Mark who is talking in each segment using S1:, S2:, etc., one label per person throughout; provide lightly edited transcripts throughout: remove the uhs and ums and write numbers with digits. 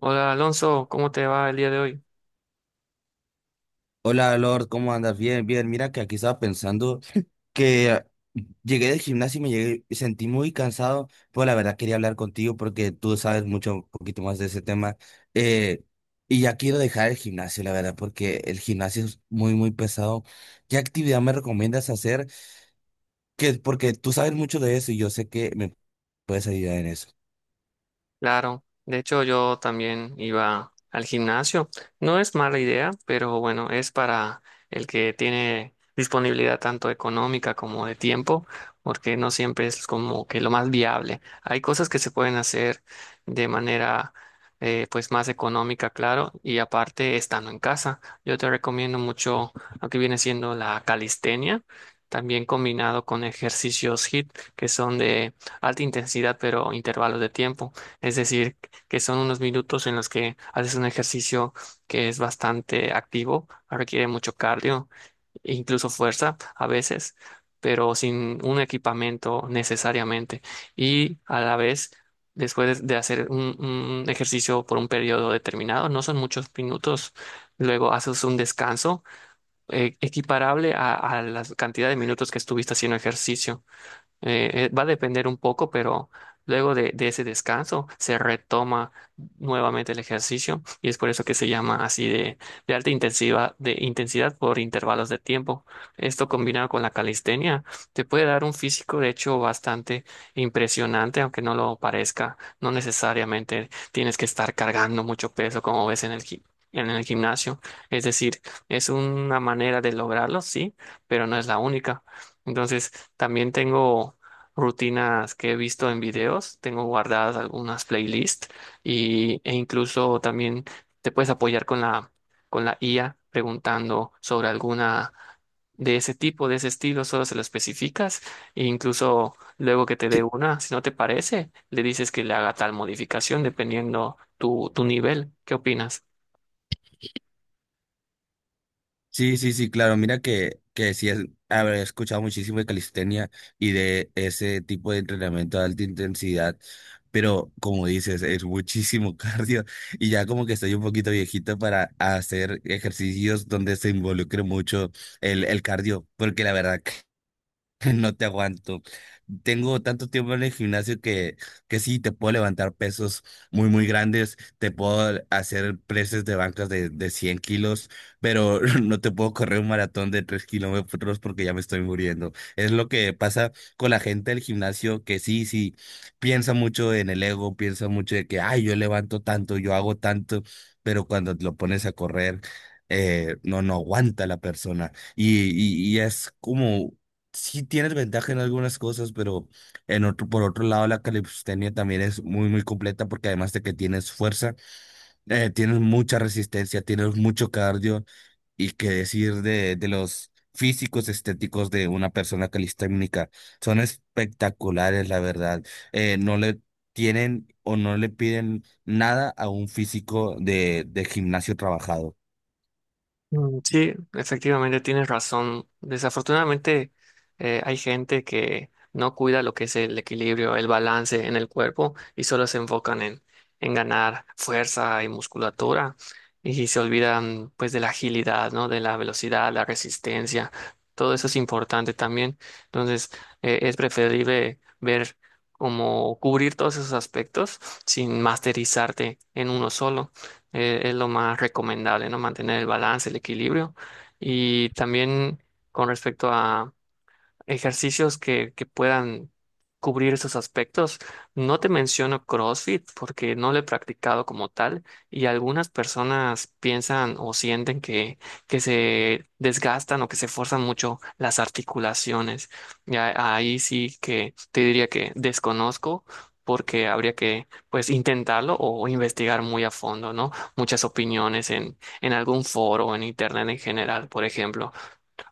S1: Hola Alonso, ¿cómo te va el día de hoy?
S2: Hola Lord, ¿cómo andas? Bien, bien. Mira que aquí estaba pensando que llegué del gimnasio y sentí muy cansado, pero la verdad quería hablar contigo porque tú sabes mucho, un poquito más de ese tema. Eh, y ya quiero dejar el gimnasio, la verdad, porque el gimnasio es muy, muy pesado. ¿Qué actividad me recomiendas hacer? Porque tú sabes mucho de eso y yo sé que me puedes ayudar en eso.
S1: Claro, de hecho yo también iba al gimnasio. No es mala idea, pero bueno, es para el que tiene disponibilidad tanto económica como de tiempo, porque no siempre es como que lo más viable. Hay cosas que se pueden hacer de manera pues más económica, claro, y aparte estando en casa. Yo te recomiendo mucho lo que viene siendo la calistenia, también combinado con ejercicios HIIT, que son de alta intensidad, pero intervalos de tiempo. Es decir, que son unos minutos en los que haces un ejercicio que es bastante activo, requiere mucho cardio e incluso fuerza a veces, pero sin un equipamiento necesariamente. Y a la vez, después de hacer un ejercicio por un periodo determinado, no son muchos minutos, luego haces un descanso equiparable a la cantidad de minutos que estuviste haciendo ejercicio. Va a depender un poco, pero luego de ese descanso se retoma nuevamente el ejercicio y es por eso que se llama así de alta intensidad, de intensidad por intervalos de tiempo. Esto combinado con la calistenia te puede dar un físico, de hecho, bastante impresionante, aunque no lo parezca. No necesariamente tienes que estar cargando mucho peso como ves en el en el gimnasio. Es decir, es una manera de lograrlo, sí, pero no es la única. Entonces, también tengo rutinas que he visto en videos, tengo guardadas algunas playlists e incluso también te puedes apoyar con con la IA preguntando sobre alguna de ese tipo, de ese estilo, solo se lo especificas e incluso luego que te dé
S2: Sí,
S1: una, si no te parece, le dices que le haga tal modificación dependiendo tu nivel. ¿Qué opinas?
S2: sí, sí, sí, claro. Mira que sí, es, haber escuchado muchísimo de calistenia y de ese tipo de entrenamiento de alta intensidad, pero como dices, es muchísimo cardio, y ya como que estoy un poquito viejito para hacer ejercicios donde se involucre mucho el cardio, porque la verdad no te aguanto. Tengo tanto tiempo en el gimnasio que sí, te puedo levantar pesos muy, muy grandes, te puedo hacer presses de bancas de 100 kilos, pero no te puedo correr un maratón de 3 kilómetros porque ya me estoy muriendo. Es lo que pasa con la gente del gimnasio que sí, sí, piensa mucho en el ego, piensa mucho de que, ay, yo levanto tanto, yo hago tanto, pero cuando lo pones a correr, no, no aguanta la persona. Y es como sí tienes ventaja en algunas cosas, pero por otro lado, la calistenia también es muy, muy completa porque además de que tienes fuerza, tienes mucha resistencia, tienes mucho cardio. Y qué decir de los físicos estéticos de una persona calisténica. Son espectaculares, la verdad. No le tienen o no le piden nada a un físico de gimnasio trabajado.
S1: Mm, sí, efectivamente tienes razón. Desafortunadamente hay gente que no cuida lo que es el equilibrio, el balance en el cuerpo y solo se enfocan en ganar fuerza y musculatura y se olvidan pues de la agilidad, ¿no? De la velocidad, la resistencia. Todo eso es importante también. Entonces es preferible ver cómo cubrir todos esos aspectos sin masterizarte en uno solo es lo más recomendable, ¿no? Mantener el balance, el equilibrio. Y también con respecto a, ejercicios que puedan cubrir esos aspectos. No te menciono CrossFit porque no lo he practicado como tal y algunas personas piensan o sienten que se desgastan o que se forzan mucho las articulaciones. Ya ahí sí que te diría que desconozco, porque habría que pues intentarlo o investigar muy a fondo, ¿no? Muchas opiniones en algún foro, en internet en general, por ejemplo.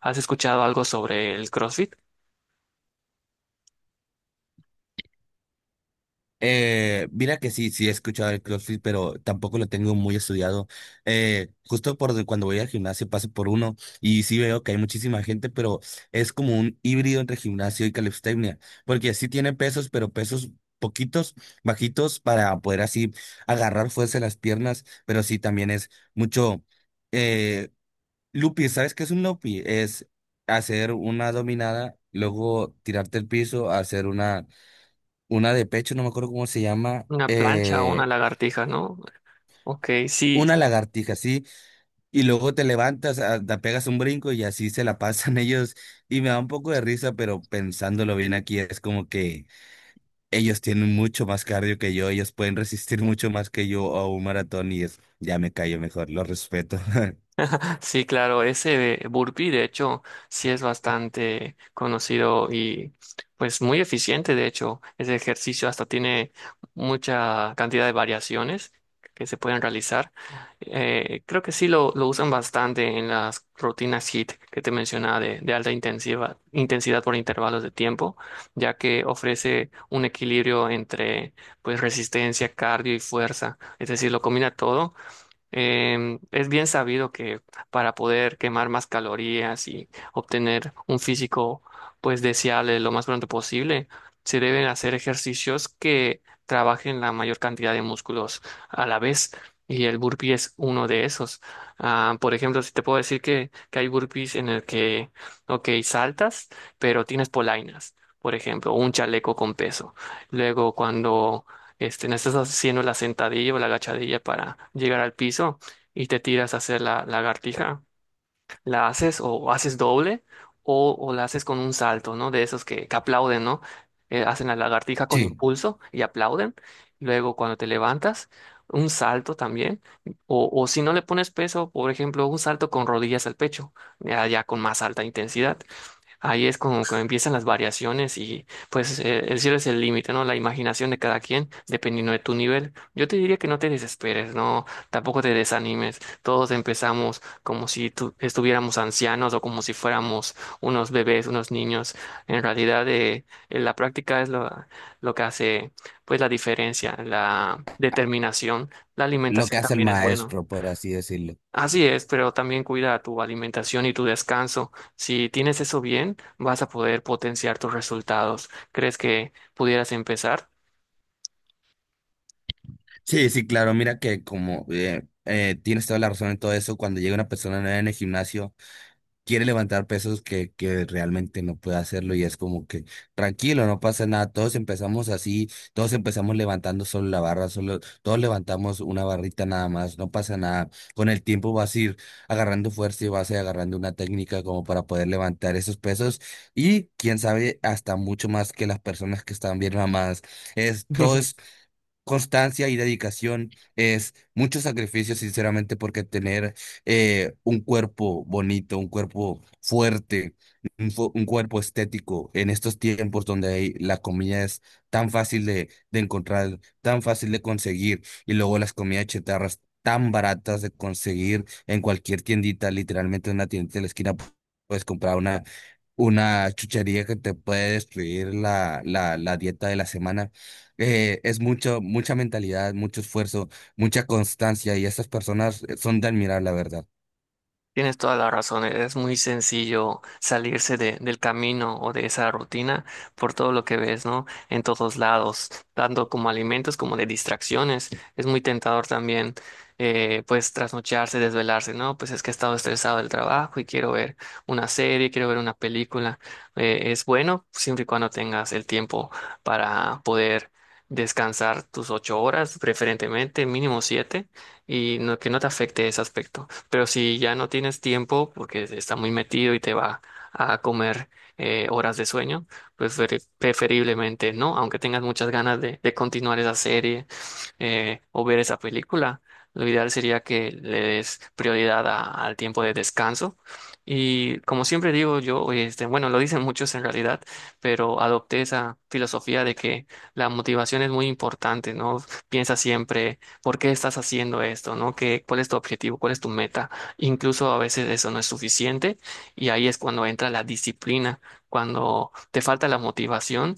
S1: ¿Has escuchado algo sobre el CrossFit?
S2: Mira que sí, sí he escuchado el CrossFit, pero tampoco lo tengo muy estudiado. Justo cuando voy al gimnasio paso por uno y sí veo que hay muchísima gente, pero es como un híbrido entre gimnasio y calistenia, porque sí tiene pesos, pero pesos poquitos, bajitos para poder así agarrar fuerza en las piernas, pero sí también es mucho eh, looping. ¿Sabes qué es un looping? Es hacer una dominada, luego tirarte al piso, hacer una de pecho, no me acuerdo cómo se llama,
S1: Una plancha o una lagartija, ¿no? Ok, sí.
S2: una lagartija, sí, y luego te levantas, te pegas un brinco y así se la pasan ellos, y me da un poco de risa, pero pensándolo bien aquí es como que ellos tienen mucho más cardio que yo, ellos pueden resistir mucho más que yo a un maratón. Y es, ya me callo mejor, lo respeto.
S1: Sí, claro, ese burpee de hecho sí es bastante conocido y pues muy eficiente de hecho. Ese ejercicio hasta tiene mucha cantidad de variaciones que se pueden realizar. Creo que sí lo usan bastante en las rutinas HIIT que te mencionaba de alta intensiva, intensidad por intervalos de tiempo, ya que ofrece un equilibrio entre pues resistencia, cardio y fuerza. Es decir, lo combina todo. Es bien sabido que para poder quemar más calorías y obtener un físico pues deseable lo más pronto posible, se deben hacer ejercicios que trabajen la mayor cantidad de músculos a la vez y el burpee es uno de esos. Ah, por ejemplo, si te puedo decir que hay burpees en el que, ok, saltas, pero tienes polainas. Por ejemplo, un chaleco con peso. Luego, cuando no estás haciendo la sentadilla o la agachadilla para llegar al piso y te tiras a hacer la lagartija. La haces o haces doble o la haces con un salto, ¿no? De esos que aplauden, ¿no? Hacen la lagartija con
S2: Sí,
S1: impulso y aplauden. Luego, cuando te levantas, un salto también. O si no le pones peso, por ejemplo, un salto con rodillas al pecho, ya con más alta intensidad. Ahí es como que empiezan las variaciones y pues el cielo es el límite, ¿no? La imaginación de cada quien, dependiendo de tu nivel. Yo te diría que no te desesperes, no, tampoco te desanimes. Todos empezamos como si estuviéramos ancianos o como si fuéramos unos bebés, unos niños. En realidad, la práctica es lo que hace pues la diferencia, la determinación. La
S2: lo que
S1: alimentación
S2: hace el
S1: también es buena.
S2: maestro, por así decirlo.
S1: Así es, pero también cuida tu alimentación y tu descanso. Si tienes eso bien, vas a poder potenciar tus resultados. ¿Crees que pudieras empezar?
S2: Sí, sí, claro, mira que como tienes toda la razón en todo eso. Cuando llega una persona nueva en el gimnasio, quiere levantar pesos que realmente no puede hacerlo y es como que tranquilo, no pasa nada, todos empezamos así, todos empezamos levantando solo la barra, solo, todos levantamos una barrita nada más, no pasa nada, con el tiempo vas a ir agarrando fuerza y vas a ir agarrando una técnica como para poder levantar esos pesos, y quién sabe hasta mucho más que las personas que están bien mamadas. Es todo constancia y dedicación, es mucho sacrificio, sinceramente, porque tener un cuerpo bonito, un cuerpo fuerte, un cuerpo estético en estos tiempos donde la comida es tan fácil de encontrar, tan fácil de conseguir, y luego las comidas chetarras tan baratas de conseguir en cualquier tiendita, literalmente en una tiendita de la esquina, puedes comprar una chuchería que te puede destruir la dieta de la semana. Eh, es mucho, mucha mentalidad, mucho esfuerzo, mucha constancia, y esas personas son de admirar, la verdad.
S1: Tienes toda la razón, es muy sencillo salirse del camino o de esa rutina por todo lo que ves, ¿no? En todos lados, tanto como alimentos como de distracciones. Es muy tentador también, pues, trasnocharse, desvelarse, ¿no? Pues es que he estado estresado del trabajo y quiero ver una serie, quiero ver una película. Es bueno siempre y cuando tengas el tiempo para poder descansar tus ocho horas, preferentemente mínimo siete, y no, que no te afecte ese aspecto. Pero si ya no tienes tiempo porque está muy metido y te va a comer horas de sueño, pues preferiblemente no, aunque tengas muchas ganas de continuar esa serie o ver esa película, lo ideal sería que le des prioridad al tiempo de descanso. Y como siempre digo yo, este, bueno, lo dicen muchos en realidad, pero adopté esa filosofía de que la motivación es muy importante, ¿no? Piensa siempre ¿Por qué estás haciendo esto? ¿No? Cuál es tu objetivo? ¿Cuál es tu meta? Incluso a veces eso no es suficiente y ahí es cuando entra la disciplina, cuando te falta la motivación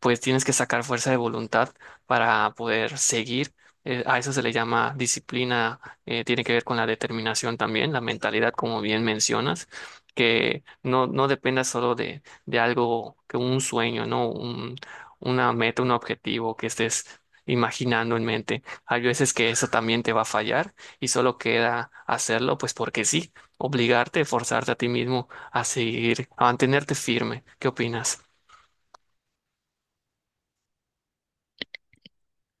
S1: pues tienes que sacar fuerza de voluntad para poder seguir. A eso se le llama disciplina, tiene que ver con la determinación también, la mentalidad, como bien mencionas, que no, no dependa solo de algo, que un sueño, ¿no? Un, una meta, un objetivo que estés imaginando en mente. Hay veces que eso también te va a fallar y solo queda hacerlo, pues porque sí, obligarte, forzarte a ti mismo a seguir, a mantenerte firme. ¿Qué opinas?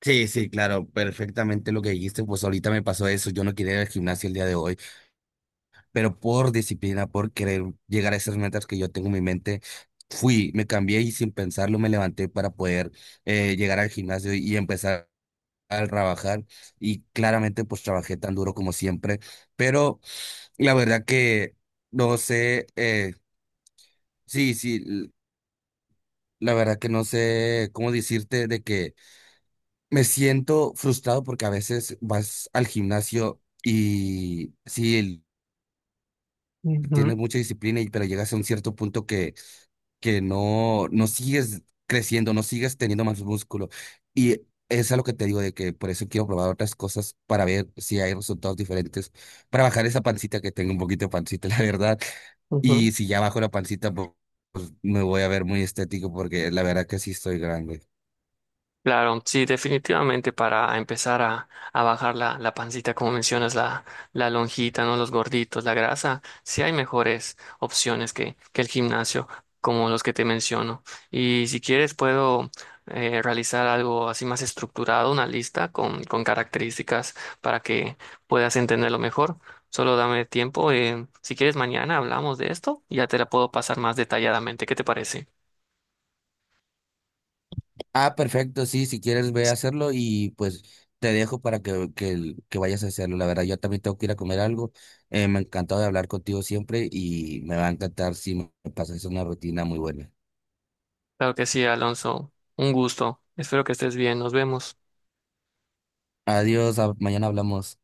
S2: Sí, sí, claro, perfectamente lo que dijiste, pues ahorita me pasó eso, yo no quería ir al gimnasio el día de hoy, pero por disciplina, por querer llegar a esas metas que yo tengo en mi mente, fui, me cambié y sin pensarlo me levanté para poder llegar al gimnasio y empezar a trabajar, y claramente pues trabajé tan duro como siempre, pero la verdad que no sé, sí, sí, la verdad que no sé cómo decirte de que me siento frustrado porque a veces vas al gimnasio y sí,
S1: Ujú,
S2: tienes mucha disciplina, pero llegas a un cierto punto que no, no sigues creciendo, no sigues teniendo más músculo. Y es a lo que te digo, de que por eso quiero probar otras cosas para ver si hay resultados diferentes, para bajar esa pancita, que tengo un poquito de pancita, la verdad. Y
S1: ujú.
S2: si ya bajo la pancita, pues me voy a ver muy estético porque la verdad que sí estoy grande.
S1: Claro, sí, definitivamente para empezar a bajar la pancita, como mencionas, la lonjita, ¿no? Los gorditos, la grasa, sí hay mejores opciones que el gimnasio, como los que te menciono. Y si quieres, puedo realizar algo así más estructurado, una lista con características para que puedas entenderlo mejor. Solo dame tiempo. Si quieres, mañana hablamos de esto y ya te la puedo pasar más detalladamente. ¿Qué te parece?
S2: Ah, perfecto, sí, si quieres ve a hacerlo y pues te dejo para que vayas a hacerlo. La verdad, yo también tengo que ir a comer algo. Me ha encantado de hablar contigo siempre, y me va a encantar si me pasas una rutina muy buena.
S1: Claro que sí, Alonso. Un gusto. Espero que estés bien. Nos vemos.
S2: Adiós, mañana hablamos.